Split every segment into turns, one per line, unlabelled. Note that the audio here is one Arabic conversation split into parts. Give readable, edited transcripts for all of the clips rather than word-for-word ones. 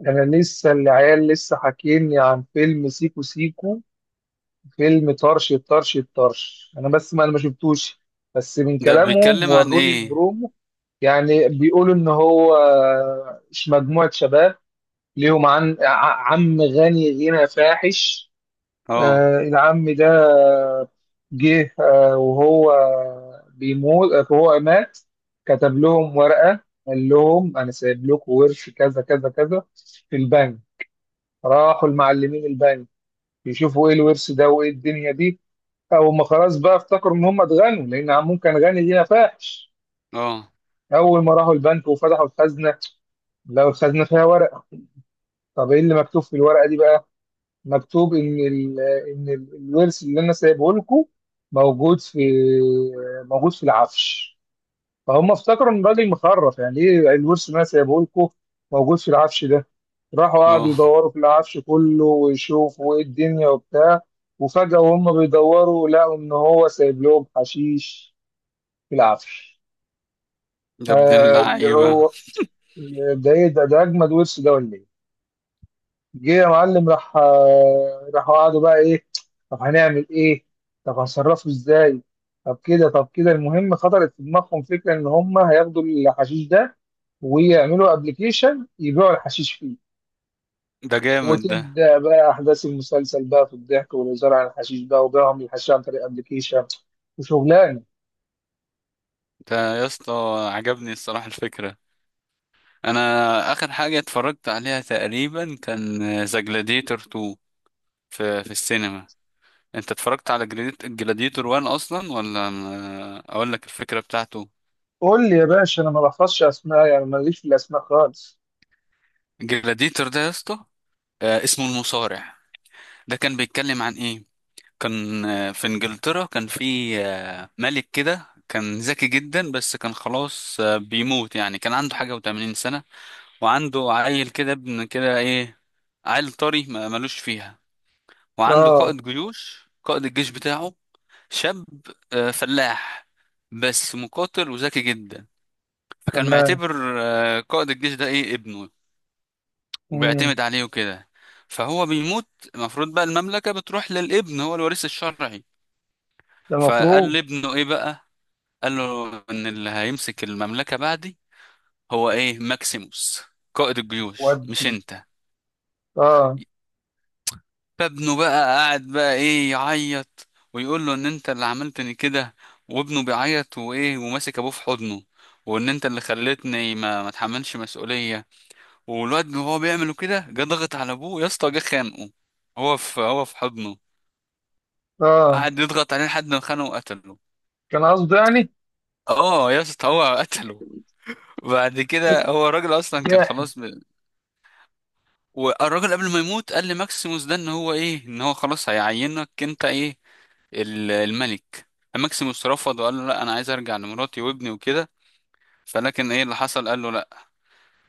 ده انا لسه العيال لسه حاكيني عن فيلم سيكو سيكو، فيلم طرش طرش طرش. انا بس ما شفتوش، بس من
ده
كلامهم
بيتكلم عن
وروني
ايه؟
البرومو. يعني بيقولوا ان هو مجموعة شباب ليهم عم غني، غنى فاحش.
اه
آه، العم ده جه، وهو بيموت، وهو مات كتب لهم ورقة، قال لهم انا سايب لكم ورث كذا كذا كذا في البنك. راحوا المعلمين البني يشوفوا ايه الورث ده وايه الدنيا دي. او ما خلاص بقى، افتكروا ان هم اتغنوا لان عمهم كان غني لينا فاحش.
اه
اول ما راحوا البنك وفتحوا الخزنه، لو الخزنه فيها ورقه. طب ايه اللي مكتوب في الورقه دي بقى؟ مكتوب ان الورث اللي انا سايبه لكم موجود في، موجود في العفش. فهم افتكروا ان الراجل مخرف، يعني ايه الورث ما سايبه لكم موجود في العفش ده. راحوا قعدوا
اه
يدوروا في العفش كله ويشوفوا ايه الدنيا وبتاع. وفجأة وهم بيدوروا لقوا ان هو سايب لهم حشيش في العفش.
يا ابن
فاللي
اللعيبة.
هو، ده ايه ده؟ ده اجمد ورث ده ولا ايه؟ جه يا معلم راح، راحوا قعدوا بقى، ايه؟ طب هنعمل ايه؟ طب هنصرفه ازاي؟ طب كده المهم خطرت في دماغهم فكره ان هم هياخدوا الحشيش ده ويعملوا ابلكيشن يبيعوا الحشيش فيه.
ده جامد ده.
وتبدا بقى احداث المسلسل بقى في الضحك والهزار عن الحشيش بقى وبيعهم الحشيش عن طريق ابلكيشن وشغلانه.
ده يا اسطى، عجبني الصراحة الفكرة. انا اخر حاجة اتفرجت عليها تقريبا كان ذا جلاديتور 2 في السينما. انت اتفرجت على جلاديتور 1 اصلا، ولا اقول لك الفكرة بتاعته؟
قول لي يا باشا، انا ما بحفظش اسماء، يعني ماليش في الاسماء خالص.
جلاديتور ده يا اسطى، اسمه المصارع. ده كان بيتكلم عن ايه؟ كان في انجلترا، كان في ملك كده كان ذكي جدا، بس كان خلاص بيموت يعني، كان عنده حاجة وتمانين سنة. وعنده عيل كده، ابن كده ايه، عيل طري ملوش فيها. وعنده
اه.
قائد جيوش، قائد الجيش بتاعه، شاب، فلاح بس مقاتل وذكي جدا، فكان
تمام.
معتبر قائد الجيش ده ايه ابنه،
امم.
وبيعتمد عليه وكده. فهو بيموت، المفروض بقى المملكة بتروح للابن، هو الوريث الشرعي.
ده
فقال
مفروض.
لابنه ايه بقى، قال له ان اللي هيمسك المملكة بعدي هو ايه ماكسيموس، قائد الجيوش، مش
ودي.
انت.
اه.
فابنه بقى قاعد بقى ايه، يعيط ويقول له ان انت اللي عملتني كده، وابنه بيعيط وايه وماسك ابوه في حضنه، وان انت اللي خلتني ما اتحملش مسؤولية. والواد وهو بيعمله كده، جه ضغط على ابوه يا اسطى، جه خانقه. هو في حضنه،
اه.
قعد يضغط عليه لحد ما خانه وقتله.
كان قصده يعني.
اه يا اسطى، هو قتله. بعد كده هو الراجل اصلا كان
جاح.
خلاص. والراجل قبل ما يموت قال لماكسيموس ده ان هو ايه، ان هو خلاص هيعينك انت ايه، الملك. ماكسيموس رفض وقال له لا، انا عايز ارجع لمراتي وابني وكده، فلكن ايه اللي حصل، قال له لا.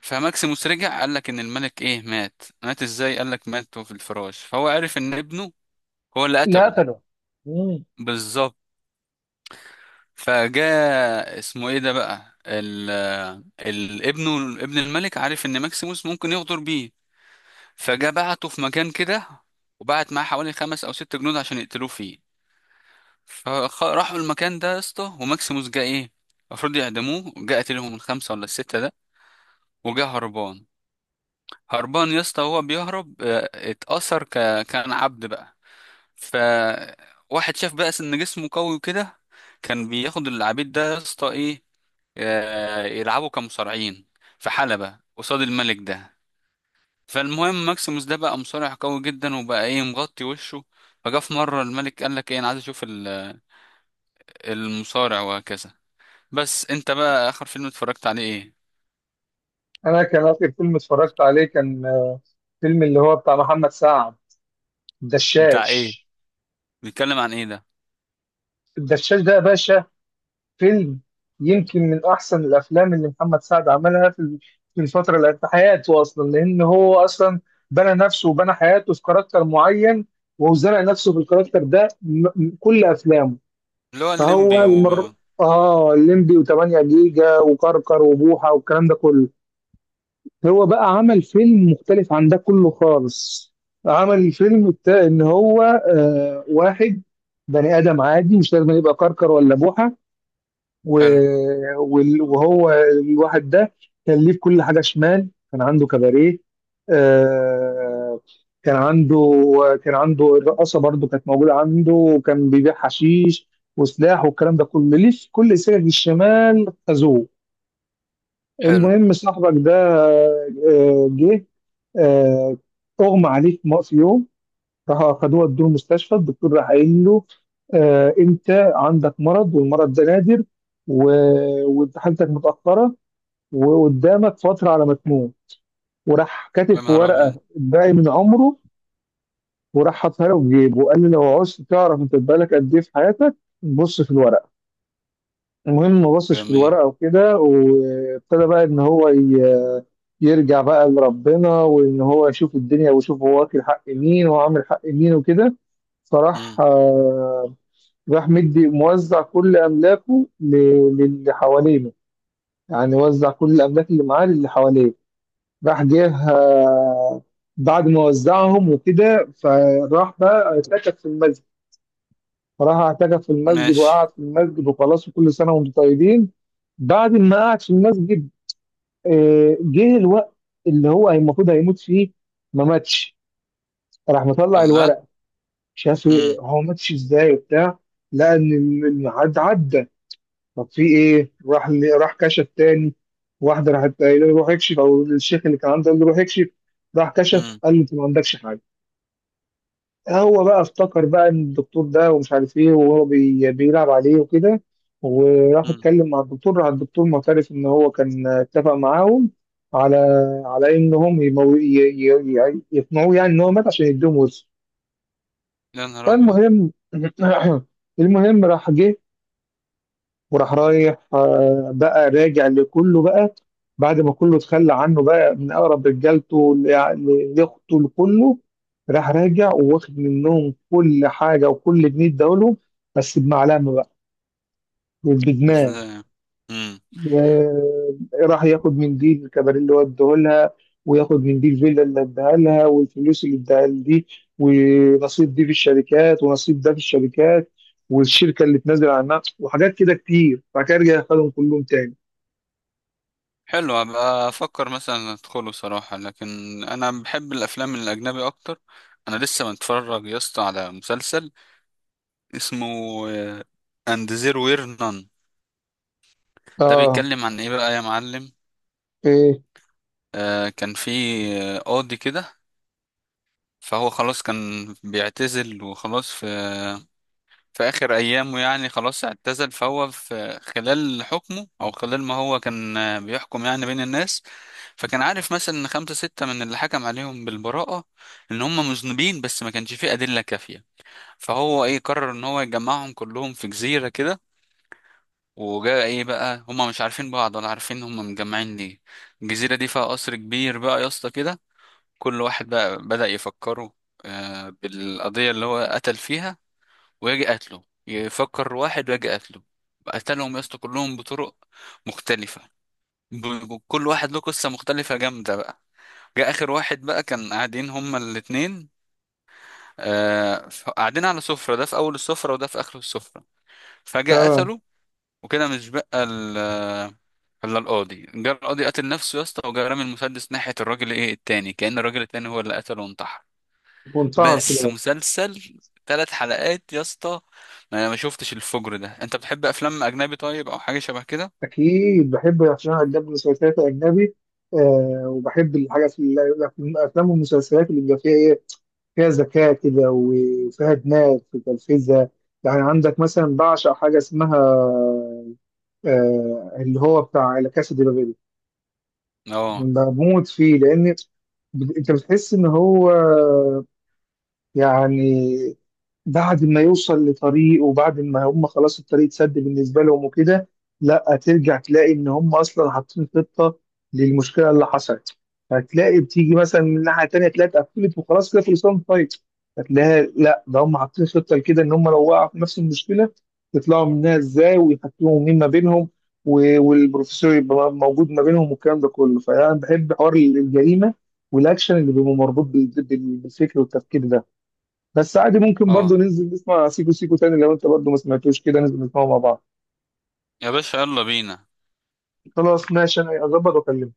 فماكسيموس رجع، قال لك ان الملك ايه مات، مات ازاي؟ قال لك مات في الفراش، فهو عرف ان ابنه هو اللي
لا
قتله.
قتله. مم.
بالظبط. فجاء اسمه ايه ده بقى، ال ابنه، ابن الملك، عارف ان ماكسيموس ممكن يغدر بيه، فجا بعته في مكان كده، وبعت معاه حوالي خمس او ست جنود عشان يقتلوه فيه. فراحوا المكان ده يا اسطى، وماكسيموس جه ايه، المفروض يعدموه، جه قتلهم الخمسه ولا السته ده، وجه هربان. هربان يا اسطى، وهو بيهرب كان عبد بقى. فواحد شاف بقى ان جسمه قوي وكده، كان بياخد العبيد ده يا اسطى ايه، يلعبوا كمصارعين في حلبة قصاد الملك ده. فالمهم ماكسيموس ده بقى مصارع قوي جدا، وبقى ايه مغطي وشه. فجاء في مرة الملك قال لك ايه انا عايز اشوف المصارع وهكذا. بس انت بقى اخر فيلم اتفرجت عليه ايه؟
انا كان اخر فيلم اتفرجت عليه كان فيلم اللي هو بتاع محمد سعد،
بتاع ايه؟
الدشاش.
بيتكلم عن ايه ده؟
الدشاش ده يا باشا فيلم يمكن من احسن الافلام اللي محمد سعد عملها في في الفتره اللي في حياته، اصلا لان هو اصلا بنى نفسه وبنى حياته في كاركتر معين، وزرع نفسه في الكاركتر ده كل افلامه.
اللي هو
فهو
الليمبي
المر،
و
اه الليمبي و8 جيجا وكركر وبوحه والكلام ده كله. هو بقى عمل فيلم مختلف عن ده كله خالص. عمل الفيلم بتاع ان هو آه واحد بني ادم عادي مش لازم يبقى كركر ولا بوحه. و-
حلو.
وهو الواحد ده كان ليه في كل حاجه شمال. كان عنده كباريه، آه، كان عنده، كان عنده الرقاصه برضو كانت موجوده عنده، وكان بيبيع حشيش وسلاح والكلام ده كله ليه في كل سكك الشمال خدوه.
حلو.
المهم صاحبك ده جه، آه، اغمى عليه في في يوم، راح اخدوه ادوه المستشفى. الدكتور راح قايل له، انت عندك مرض والمرض ده نادر، وانت حالتك متاخره، وقدامك فتره على ما تموت. وراح كاتب
يا
في
نهار
ورقه
ابيض.
باقي من عمره، وراح حاطها له في جيبه وقال له لو عوزت تعرف انت بقالك قد ايه في حياتك بص في الورقه. المهم ما بصش في
جميل.
الورقة وكده، وابتدى بقى إن هو يرجع بقى لربنا، وإن هو يشوف الدنيا ويشوف هو واكل حق مين وعامل حق مين وكده. فراح،
مم.
راح مدي موزع كل أملاكه للي حوالينه، يعني وزع كل الأملاك اللي معاه للي حواليه. راح جه، بعد ما وزعهم وكده فراح بقى اتكت في المسجد، فراح اعتكف في المسجد
ماشي.
وقعد في المسجد وخلاص، وكل سنه وانتم طيبين. بعد ما قعد في المسجد، جه الوقت اللي هو المفروض هيموت فيه، ما ماتش. راح مطلع
الله.
الورق، شاف إيه،
مم.
هو ماتش ازاي وبتاع. لقى ان الميعاد عدى، طب في ايه؟ راح راح كشف تاني. واحده راحت قايله له روح اكشف، او الشيخ اللي كان عنده قال له روح اكشف، راح كشف
مم.
قال له انت ما عندكش حاجه. هو بقى افتكر بقى ان الدكتور ده ومش عارف ايه وهو بيلعب عليه وكده، وراح
مم.
اتكلم مع الدكتور، راح الدكتور معترف ان هو كان اتفق معاهم على، على انهم يمو... ي... ي... ي- يقنعوه يعني ان هو مات عشان يديهم ورثه.
يا نهار ابيض.
فالمهم المهم راح جه، وراح رايح، بقى راجع لكله بقى. بعد ما كله اتخلى عنه بقى من اقرب رجالته، لاخته، لكله، راح راجع وواخد منهم كل حاجه وكل جنيه اداهولهم، بس بمعلمه بقى وبدماغ.
ازاي؟ مم.
آه، راح ياخد من دي الكباريه اللي هو اداهولها، وياخد من دي الفيلا اللي اداها لها، والفلوس اللي اداها دي، ونصيب دي في الشركات، ونصيب ده في الشركات، والشركه اللي تنزل عنها وحاجات كده كتير. بعد كده رجع خدهم كلهم تاني.
حلو، ابقى افكر مثلا ادخله صراحة، لكن انا بحب الافلام الاجنبي اكتر. انا لسه متفرج يا اسطى على مسلسل اسمه اند زيرو وير نان. ده
اه.
بيتكلم عن ايه بقى يا معلم؟
ايه
آه كان في قاضي كده، فهو خلاص كان بيعتزل وخلاص، في في آخر أيامه يعني خلاص اعتزل. فهو في خلال حكمه أو خلال ما هو كان بيحكم يعني بين الناس، فكان عارف مثلا إن خمسة ستة من اللي حكم عليهم بالبراءة إن هم مذنبين بس ما كانش فيه أدلة كافية. فهو إيه، قرر إن هو يجمعهم كلهم في جزيرة كده. وجاء إيه بقى، هم مش عارفين بعض ولا عارفين هم مجمعين ليه. الجزيرة دي فيها قصر كبير بقى يا اسطى كده. كل واحد بقى بدأ يفكروا بالقضية اللي هو قتل فيها، ويجي قتله يفكر واحد ويجي قتله. قتلهم يا اسطى كلهم بطرق مختلفة، كل واحد له قصة مختلفة جامدة بقى. جه آخر واحد بقى كان قاعدين هما الاتنين، آه قاعدين على سفرة، ده في أول السفرة وده في آخر السفرة، فجأة
ده!
قتله. وكده مش بقى ال آه، إلا القاضي، جه القاضي قتل نفسه يا اسطى، وجه رامي المسدس ناحية الراجل إيه التاني، كأن الراجل التاني هو اللي قتله وانتحر.
منتهى
بس
الخلاف.
مسلسل ثلاث حلقات يا اسطى. ما انا ما شفتش الفجر ده. انت بتحب افلام اجنبي طيب، او حاجه شبه كده؟
اكيد بحب، عشان انا اجنبي، مسلسلات اجنبي، آه، وبحب الحاجات الافلام والمسلسلات اللي بيبقى فيها ايه، فيها ذكاء كده وفيها دماغ في تنفيذها. يعني عندك مثلا بعشق حاجه اسمها آه اللي هو بتاع لا كاسا دي بابيل.
اه
بموت فيه لان، انت بتحس ان هو يعني بعد ما يوصل لطريق وبعد ما هم خلاص الطريق اتسد بالنسبه لهم وكده، لا ترجع تلاقي ان هم اصلا حاطين خطه للمشكله اللي حصلت. هتلاقي بتيجي مثلا من الناحيه التانيه تلاقي اتقفلت وخلاص كده خلصان الفايت، هتلاقي لا ده هم حاطين خطه لكده ان هم لو وقعوا في نفس المشكله يطلعوا منها ازاي ويحكموا مين ما بينهم، والبروفيسور يبقى موجود ما بينهم والكلام ده كله. فانا بحب حوار الجريمه والاكشن اللي بيبقى مربوط بالفكر والتفكير ده. بس عادي ممكن برضو
اه،
ننزل نسمع سيكو سيكو تاني، لو انت برضو ما سمعتوش كده ننزل نسمعه مع بعض.
يا باشا يلا بينا.
خلاص ماشي، انا اظبط واكلمك.